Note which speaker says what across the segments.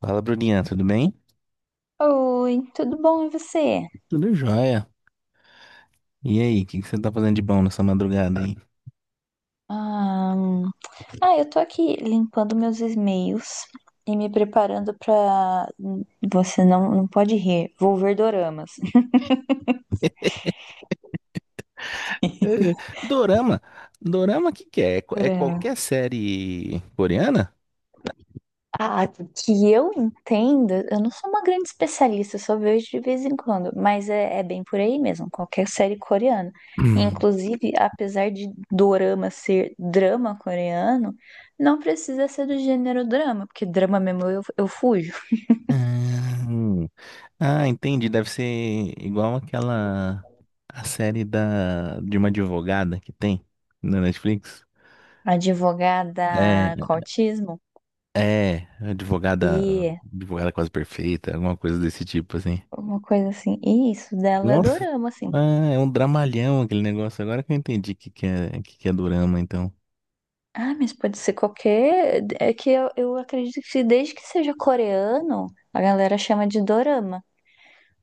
Speaker 1: Fala, Bruninha, tudo bem?
Speaker 2: Oi, tudo bom e você?
Speaker 1: Tudo jóia. E aí, o que que você tá fazendo de bom nessa madrugada aí?
Speaker 2: Ahn, Ah, eu tô aqui limpando meus e-mails e me preparando pra. Você não pode rir, vou ver doramas.
Speaker 1: É, é, Dorama? Dorama, o que que é? É
Speaker 2: Dorama.
Speaker 1: qualquer série coreana?
Speaker 2: Ah, que eu entenda, eu não sou uma grande especialista, eu só vejo de vez em quando, mas é bem por aí mesmo, qualquer série coreana.
Speaker 1: Hum.
Speaker 2: Inclusive, apesar de dorama ser drama coreano, não precisa ser do gênero drama, porque drama mesmo eu fujo.
Speaker 1: Ah. Ah, entendi. Deve ser igual aquela... a série da... de uma advogada que tem na Netflix. É,
Speaker 2: Advogada com autismo
Speaker 1: Advogada...
Speaker 2: e
Speaker 1: Advogada quase perfeita, alguma coisa desse tipo, assim.
Speaker 2: uma coisa assim. E isso dela é
Speaker 1: Nossa,
Speaker 2: dorama, assim.
Speaker 1: ah, é um dramalhão aquele negócio. Agora que eu entendi o que que é dorama, então.
Speaker 2: Ah, mas pode ser qualquer. É que eu acredito que desde que seja coreano, a galera chama de dorama.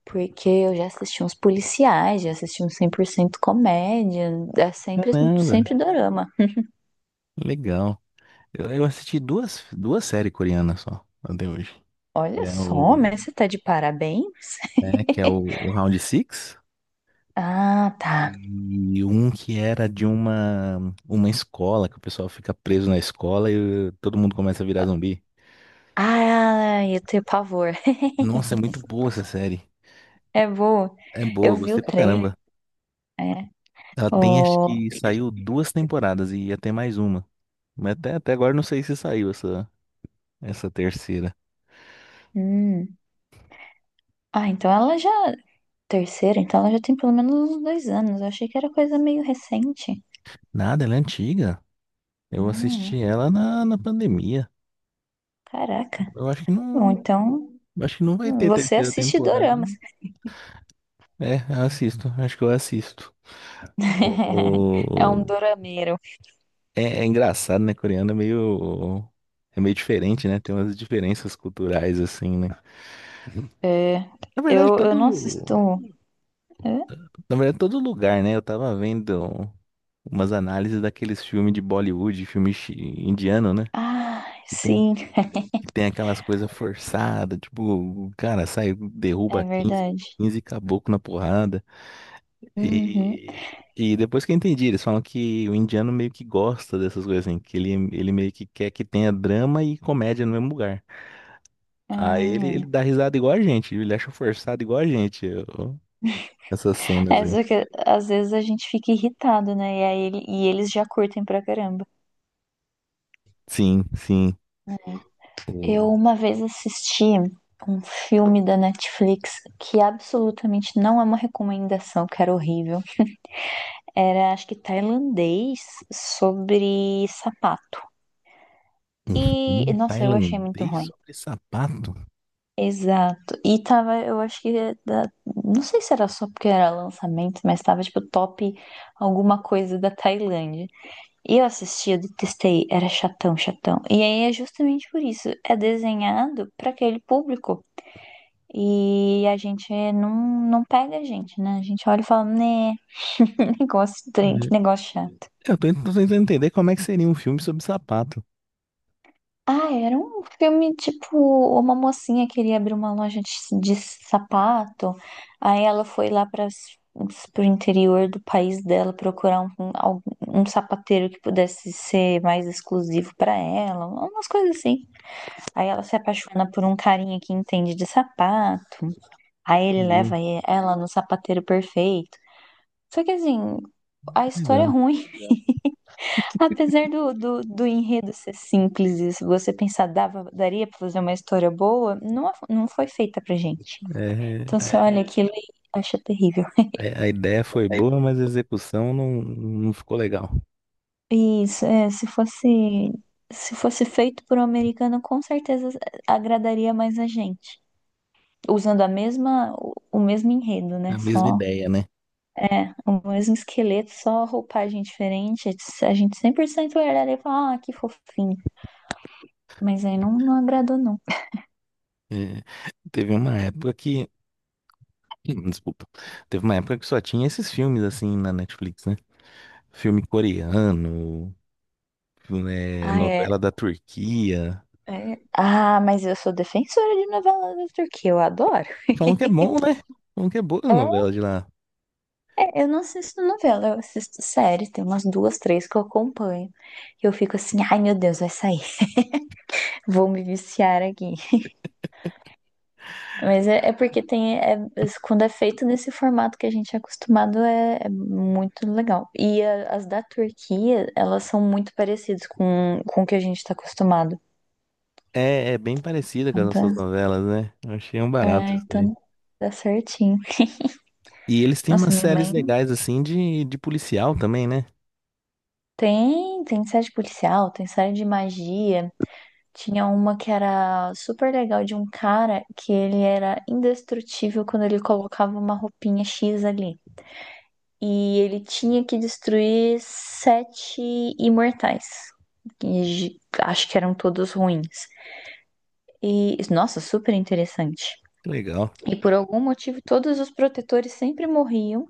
Speaker 2: Porque eu já assisti uns policiais, já assisti uns 100% comédia, é sempre,
Speaker 1: Caramba,
Speaker 2: sempre dorama.
Speaker 1: legal. Eu assisti duas séries coreanas só, até hoje. Que
Speaker 2: Olha
Speaker 1: é
Speaker 2: só,
Speaker 1: o,
Speaker 2: mas você tá de parabéns?
Speaker 1: é, que é o, o Round Six
Speaker 2: Ah, tá.
Speaker 1: e um que era de uma escola, que o pessoal fica preso na escola e todo mundo começa a virar zumbi.
Speaker 2: Ah, eu tenho pavor.
Speaker 1: Nossa, é muito boa essa série.
Speaker 2: É bom.
Speaker 1: É
Speaker 2: Eu
Speaker 1: boa,
Speaker 2: vi
Speaker 1: gostei
Speaker 2: o
Speaker 1: pra
Speaker 2: trailer.
Speaker 1: caramba.
Speaker 2: É.
Speaker 1: Ela tem, acho
Speaker 2: O.
Speaker 1: que saiu duas temporadas e ia ter mais uma. Mas até agora eu não sei se saiu essa, essa terceira.
Speaker 2: Hum. Ah, então ela já. Terceira, então ela já tem pelo menos uns 2 anos. Eu achei que era coisa meio recente.
Speaker 1: Nada, ela é antiga. Eu
Speaker 2: Ah,
Speaker 1: assisti ela na pandemia.
Speaker 2: caraca.
Speaker 1: Eu
Speaker 2: Bom, então
Speaker 1: acho que não vai ter
Speaker 2: você
Speaker 1: terceira
Speaker 2: assiste
Speaker 1: temporada.
Speaker 2: doramas.
Speaker 1: É, eu assisto, acho que eu assisto.
Speaker 2: É um
Speaker 1: O-
Speaker 2: dorameiro.
Speaker 1: É, é engraçado, né? Coreano é meio diferente, né? Tem umas diferenças culturais assim, né?
Speaker 2: É.
Speaker 1: Na verdade,
Speaker 2: Eu não assisto.
Speaker 1: todo,
Speaker 2: Hã?
Speaker 1: na verdade, todo lugar, né? Eu tava vendo umas análises daqueles filmes de Bollywood, indiano, né?
Speaker 2: Ah, sim,
Speaker 1: Que tem aquelas coisas forçadas, tipo, o cara sai, derruba
Speaker 2: é
Speaker 1: quinze,
Speaker 2: verdade.
Speaker 1: quinze caboclo na porrada.
Speaker 2: Uhum.
Speaker 1: E, depois que eu entendi, eles falam que o indiano meio que gosta dessas coisas assim, que ele meio que quer que tenha drama e comédia no mesmo lugar. Aí ele
Speaker 2: Ah.
Speaker 1: dá risada igual a gente, ele acha forçado igual a gente, essas cenas
Speaker 2: É
Speaker 1: aí.
Speaker 2: só que às vezes a gente fica irritado, né? E, aí, e eles já curtem pra caramba.
Speaker 1: Sim, sim.
Speaker 2: Eu
Speaker 1: O-
Speaker 2: uma vez assisti um filme da Netflix que absolutamente não é uma recomendação, que era horrível. Era, acho que tailandês sobre sapato.
Speaker 1: Um
Speaker 2: E,
Speaker 1: filme
Speaker 2: nossa, eu achei muito
Speaker 1: tailandês
Speaker 2: ruim.
Speaker 1: sobre sapato?
Speaker 2: Exato. E tava, eu acho que, não sei se era só porque era lançamento, mas tava tipo top alguma coisa da Tailândia. E eu assisti, eu detestei, era chatão, chatão. E aí é justamente por isso, é desenhado pra aquele público. E a gente não pega a gente, né? A gente olha e fala, né, negócio,
Speaker 1: É,
Speaker 2: estranho, que negócio chato.
Speaker 1: eu tô tentando entender como é que seria um filme sobre sapato.
Speaker 2: Ah, era um filme tipo, uma mocinha queria abrir uma loja de sapato, aí ela foi lá para pro interior do país dela procurar um sapateiro que pudesse ser mais exclusivo para ela, umas coisas assim. Aí ela se apaixona por um carinha que entende de sapato, aí ele
Speaker 1: Entendi.
Speaker 2: leva ela no sapateiro perfeito. Só que assim, a história é
Speaker 1: Legal.
Speaker 2: ruim, apesar do enredo ser simples e se você pensar, dava, daria pra fazer uma história boa, não foi feita pra gente. Então
Speaker 1: É,
Speaker 2: você olha aquilo e acha terrível.
Speaker 1: a ideia foi boa, mas a execução não, não ficou legal.
Speaker 2: E isso, é, se fosse feito por um americano, com certeza agradaria mais a gente. Usando a mesma, o mesmo enredo,
Speaker 1: É
Speaker 2: né?
Speaker 1: a mesma
Speaker 2: Só
Speaker 1: ideia, né?
Speaker 2: o mesmo esqueleto, só roupagem diferente. A gente 100% olharia e falar, ah, que fofinho. Mas aí não agradou, não.
Speaker 1: É, teve uma época que. Desculpa. Teve uma época que só tinha esses filmes assim na Netflix, né? Filme coreano, é,
Speaker 2: Ah, é,
Speaker 1: novela da Turquia.
Speaker 2: é. Ah, mas eu sou defensora de novela da Turquia, eu adoro.
Speaker 1: Falam que é bom, né? Falam que é boa a
Speaker 2: É,
Speaker 1: novela de lá.
Speaker 2: é, eu não assisto novela, eu assisto séries, tem umas duas, três que eu acompanho. E eu fico assim, ai meu Deus, vai sair, vou me viciar aqui. Mas é, é porque tem, é- é, quando é feito nesse formato que a gente é acostumado, é muito legal. E as da Turquia, elas são muito parecidas com o que a gente tá acostumado.
Speaker 1: É, é bem parecida com as
Speaker 2: Então,
Speaker 1: nossas novelas, né? Eu achei um barato
Speaker 2: é,
Speaker 1: isso aí.
Speaker 2: então dá certinho.
Speaker 1: E eles têm umas
Speaker 2: Nossa, minha
Speaker 1: séries
Speaker 2: mãe.
Speaker 1: legais assim de policial também, né?
Speaker 2: Tem série de policial, tem série de magia. Tinha uma que era super legal de um cara que ele era indestrutível quando ele colocava uma roupinha X ali. E ele tinha que destruir sete imortais. Acho que eram todos ruins. E, nossa, super interessante.
Speaker 1: Que legal.
Speaker 2: E por algum motivo, todos os protetores sempre morriam,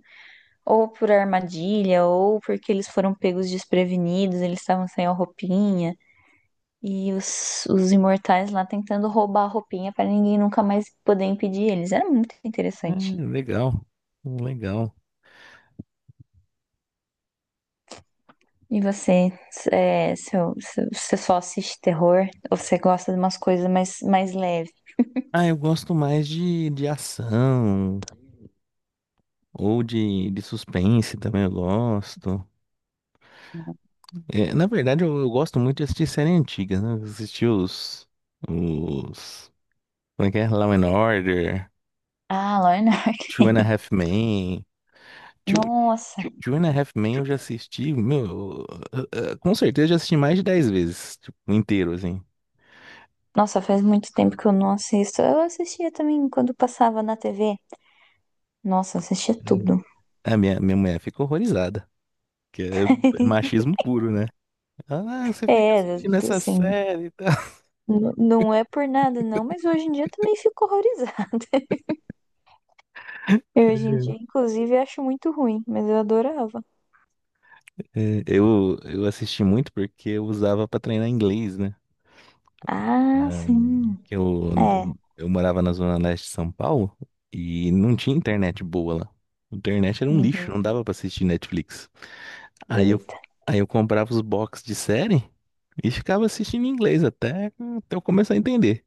Speaker 2: ou por armadilha, ou porque eles foram pegos desprevenidos, eles estavam sem a roupinha. E os imortais lá tentando roubar a roupinha pra ninguém nunca mais poder impedir eles. Era muito
Speaker 1: É,
Speaker 2: interessante.
Speaker 1: legal. Legal.
Speaker 2: E você, é, você só assiste terror ou você gosta de umas coisas mais leve?
Speaker 1: Ah, eu gosto mais de ação ou de suspense também eu gosto. É, na verdade, eu gosto muito de assistir série antiga, né? Assistir os... Como é que é? Law and Order,
Speaker 2: Ah, Lorna.
Speaker 1: Two and a Half Men. Two,
Speaker 2: Nossa,
Speaker 1: Two and a Half Men eu já assisti, meu, com certeza já assisti mais de 10 vezes, tipo, inteiro, assim.
Speaker 2: nossa, faz muito tempo que eu não assisto. Eu assistia também quando passava na TV. Nossa, eu assistia
Speaker 1: Hum.
Speaker 2: tudo.
Speaker 1: A minha mulher fica horrorizada, que é, é machismo puro, né? Ela, ah, você fica
Speaker 2: É,
Speaker 1: assistindo essa
Speaker 2: assim,
Speaker 1: série e tal.
Speaker 2: não é por nada não, mas hoje em dia eu também fico horrorizada. Eu, hoje em dia, inclusive, acho muito ruim, mas eu adorava.
Speaker 1: É, eu assisti muito porque eu usava para treinar inglês, né?
Speaker 2: Ah, sim.
Speaker 1: Que eu,
Speaker 2: É.
Speaker 1: eu, eu morava na zona leste de São Paulo e não tinha internet boa lá. A internet era um lixo,
Speaker 2: Uhum.
Speaker 1: não dava para assistir Netflix. Aí eu,
Speaker 2: Eita.
Speaker 1: aí eu comprava os box de série e ficava assistindo em inglês até eu começar a entender.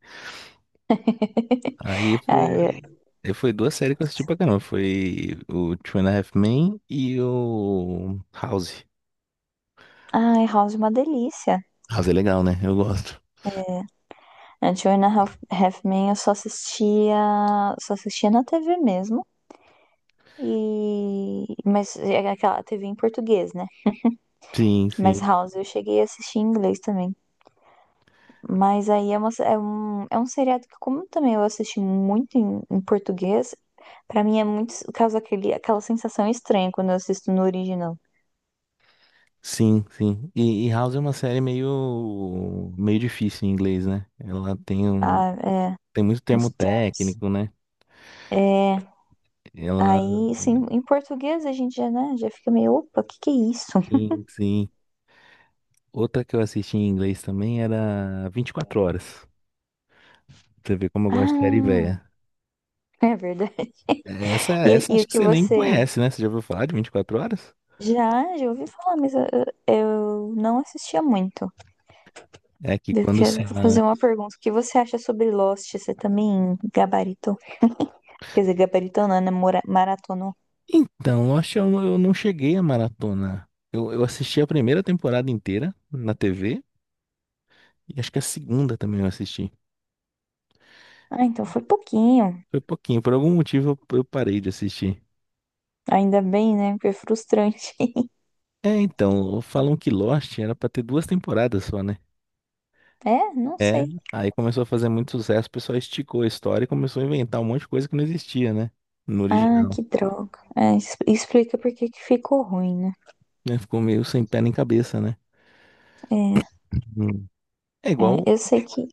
Speaker 1: Aí
Speaker 2: Ai,
Speaker 1: foi,
Speaker 2: eu-
Speaker 1: aí foi duas séries que eu assisti pra caramba. Foi o Two and a Half Men e o House.
Speaker 2: House é uma delícia.
Speaker 1: House é legal, né? Eu gosto.
Speaker 2: A Two and a Half, Half Men eu só assistia na TV mesmo. E mas é aquela TV em português, né?
Speaker 1: Sim,
Speaker 2: Mas
Speaker 1: sim.
Speaker 2: House eu cheguei a assistir em inglês também. Mas aí é, uma, é um seriado que como também eu assisti muito em português, pra mim é muito causa aquele aquela sensação estranha quando eu assisto no original.
Speaker 1: Sim, sim. E House é uma série meio, meio difícil em inglês, né? Ela tem um,
Speaker 2: Ah, é,
Speaker 1: tem muito
Speaker 2: nos
Speaker 1: termo
Speaker 2: termos.
Speaker 1: técnico, né?
Speaker 2: É.
Speaker 1: Ela,
Speaker 2: Aí, assim, em português a gente já, né, já fica meio, opa, o que que é isso?
Speaker 1: sim, sim. Outra que eu assisti em inglês também era 24 Horas. Você vê como eu gosto de série
Speaker 2: Ah,
Speaker 1: velha.
Speaker 2: é verdade.
Speaker 1: Essa, essa acho
Speaker 2: O
Speaker 1: que
Speaker 2: que
Speaker 1: você nem
Speaker 2: você
Speaker 1: conhece, né? Você já ouviu falar de 24 Horas?
Speaker 2: já ouvi falar, mas eu não assistia muito.
Speaker 1: É que
Speaker 2: Eu
Speaker 1: quando
Speaker 2: quero
Speaker 1: sai...
Speaker 2: fazer uma pergunta. O que você acha sobre Lost? Você também gabaritou? Quer dizer, gabaritou não, né? Maratonou.
Speaker 1: Então, eu acho que eu não cheguei a maratona. Eu assisti a primeira temporada inteira na TV e acho que a segunda também eu assisti.
Speaker 2: Ah, então foi pouquinho.
Speaker 1: Foi pouquinho, por algum motivo eu parei de assistir.
Speaker 2: Ainda bem, né? Porque é frustrante.
Speaker 1: É, então, falam que Lost era pra ter duas temporadas só, né?
Speaker 2: É, não
Speaker 1: É,
Speaker 2: sei.
Speaker 1: aí começou a fazer muito sucesso, o pessoal esticou a história e começou a inventar um monte de coisa que não existia, né? No
Speaker 2: Ah,
Speaker 1: original.
Speaker 2: que droga. É, explica por que que ficou ruim, né?
Speaker 1: Né, ficou meio sem pé nem cabeça, né?
Speaker 2: É,
Speaker 1: Hum. É igual
Speaker 2: é, eu sei que.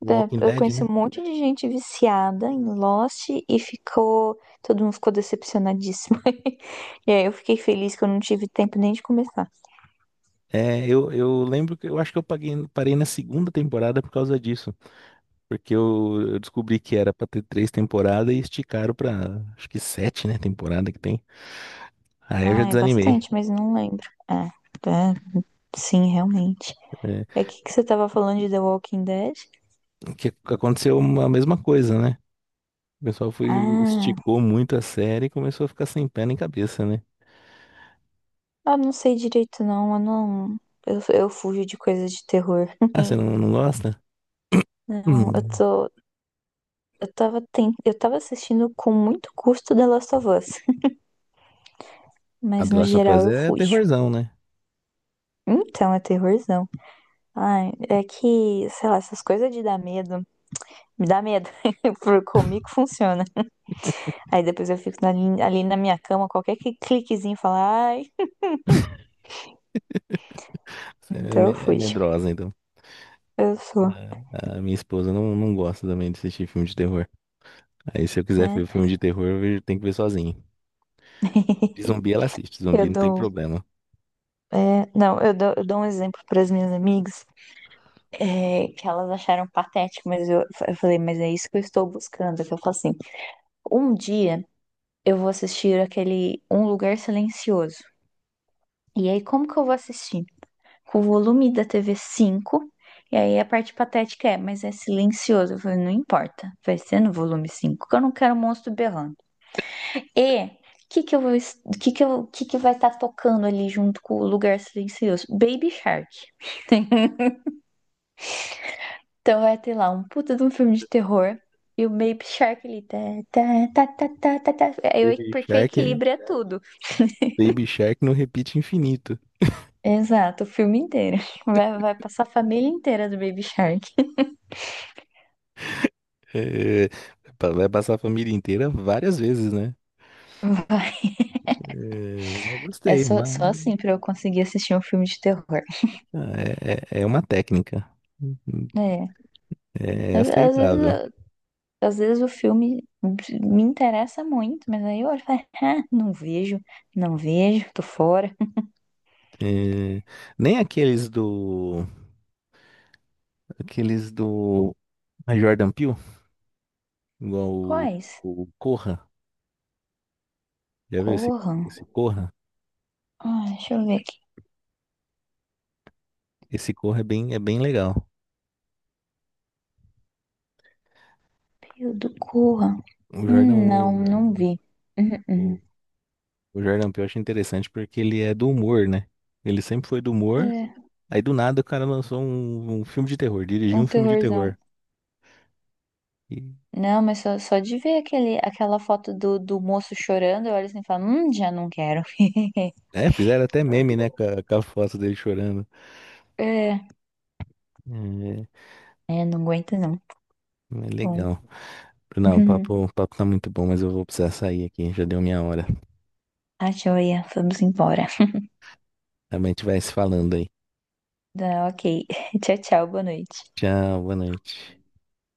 Speaker 1: o Walking
Speaker 2: É, eu
Speaker 1: Dead,
Speaker 2: conheci
Speaker 1: né?
Speaker 2: um monte de gente viciada em Lost e ficou. Todo mundo ficou decepcionadíssimo. E aí eu fiquei feliz que eu não tive tempo nem de começar.
Speaker 1: É, eu lembro que eu acho que eu paguei, parei na segunda temporada por causa disso. Porque eu descobri que era pra ter três temporadas e esticaram pra acho que sete, né? Temporada que tem. Aí eu já
Speaker 2: Ah, é
Speaker 1: desanimei.
Speaker 2: bastante, mas não lembro. É, sim, realmente.
Speaker 1: É,
Speaker 2: É o que que você tava falando de The Walking Dead?
Speaker 1: que aconteceu a mesma coisa, né? O pessoal foi,
Speaker 2: Ah,
Speaker 1: esticou muito a série e começou a ficar sem pé nem cabeça, né?
Speaker 2: eu não sei direito, não. Eu não. Eu fujo de coisas de terror.
Speaker 1: Ah, você não, não gosta?
Speaker 2: Não, eu
Speaker 1: Hum.
Speaker 2: tô. Eu tava, assistindo com muito custo The Last of Us.
Speaker 1: A
Speaker 2: Mas
Speaker 1: The
Speaker 2: no
Speaker 1: Last of Us
Speaker 2: geral eu
Speaker 1: é
Speaker 2: fujo.
Speaker 1: terrorzão, né?
Speaker 2: Então, é terrorzão. Ai, é que, sei lá, essas coisas de dar medo, me dá medo. Por comigo funciona. Aí depois eu fico ali na minha cama, qualquer cliquezinho fala, ai. Então eu
Speaker 1: É
Speaker 2: fui.
Speaker 1: medrosa, então.
Speaker 2: Eu sou,
Speaker 1: A minha esposa não, não gosta também de assistir filme de terror. Aí, se eu quiser
Speaker 2: né?
Speaker 1: ver filme de terror, tenho que ver sozinho. De zumbi ela assiste,
Speaker 2: Eu
Speaker 1: zumbi não tem
Speaker 2: dou,
Speaker 1: problema.
Speaker 2: é, não, eu dou, Eu dou um exemplo para as minhas amigas, é, que elas acharam patético, mas eu falei, mas é isso que eu estou buscando. Que eu falo assim, um dia eu vou assistir aquele Um Lugar Silencioso. E aí, como que eu vou assistir? Com o volume da TV cinco. E aí a parte patética é, mas é silencioso. Eu falei, não importa, vai ser no volume 5 que eu não quero monstro berrando. E o que que eu vou, que eu, que vai estar tocando ali junto com o lugar silencioso? Baby Shark. Então vai ter lá um puta de um filme de terror e o Baby Shark ali tá tá tá tá tá tá, tá. É,
Speaker 1: Baby
Speaker 2: porque
Speaker 1: Shark,
Speaker 2: equilíbrio é tudo.
Speaker 1: Baby Shark não repite infinito.
Speaker 2: Exato, o filme inteiro. Vai, vai Passar a família inteira do Baby Shark.
Speaker 1: É, vai passar a família inteira várias vezes, né?
Speaker 2: Vai.
Speaker 1: É, mas
Speaker 2: É
Speaker 1: gostei,
Speaker 2: só,
Speaker 1: mas
Speaker 2: só assim pra eu conseguir assistir um filme de terror.
Speaker 1: ah, é, é é uma técnica.
Speaker 2: É.
Speaker 1: É
Speaker 2: Às, às vezes,
Speaker 1: aceitável.
Speaker 2: eu- às vezes o filme me interessa muito, mas aí eu olho e falo, ah, não vejo, não vejo, tô fora.
Speaker 1: É, nem aqueles do. Aqueles do Jordan Peele, igual
Speaker 2: Quais?
Speaker 1: o Corra. Já viu esse,
Speaker 2: Corram.
Speaker 1: esse Corra?
Speaker 2: Ah, deixa eu ver aqui.
Speaker 1: Esse Corra é bem legal.
Speaker 2: Período Corra.
Speaker 1: O Jordan,
Speaker 2: Não,
Speaker 1: o,
Speaker 2: não vi. Uhum,
Speaker 1: o, o Jordan Peele eu acho interessante porque ele é do humor, né? Ele sempre foi do humor.
Speaker 2: uhum. É,
Speaker 1: Aí do nada o cara lançou um, um filme de terror, dirigiu um
Speaker 2: um
Speaker 1: filme de
Speaker 2: terrorzão.
Speaker 1: terror. E,
Speaker 2: Não, mas só de ver aquela foto do moço chorando, eu olho assim e falo, já não quero.
Speaker 1: é, fizeram até meme, né? Com a foto dele chorando.
Speaker 2: É,
Speaker 1: É,
Speaker 2: é, não aguento não.
Speaker 1: é
Speaker 2: Bom.
Speaker 1: legal. Não, o papo tá muito bom, mas eu vou precisar sair aqui. Já deu minha hora.
Speaker 2: A joia, vamos embora.
Speaker 1: Também a gente vai se falando aí.
Speaker 2: Tá, ok. Tchau, tchau, boa noite.
Speaker 1: Tchau, boa noite.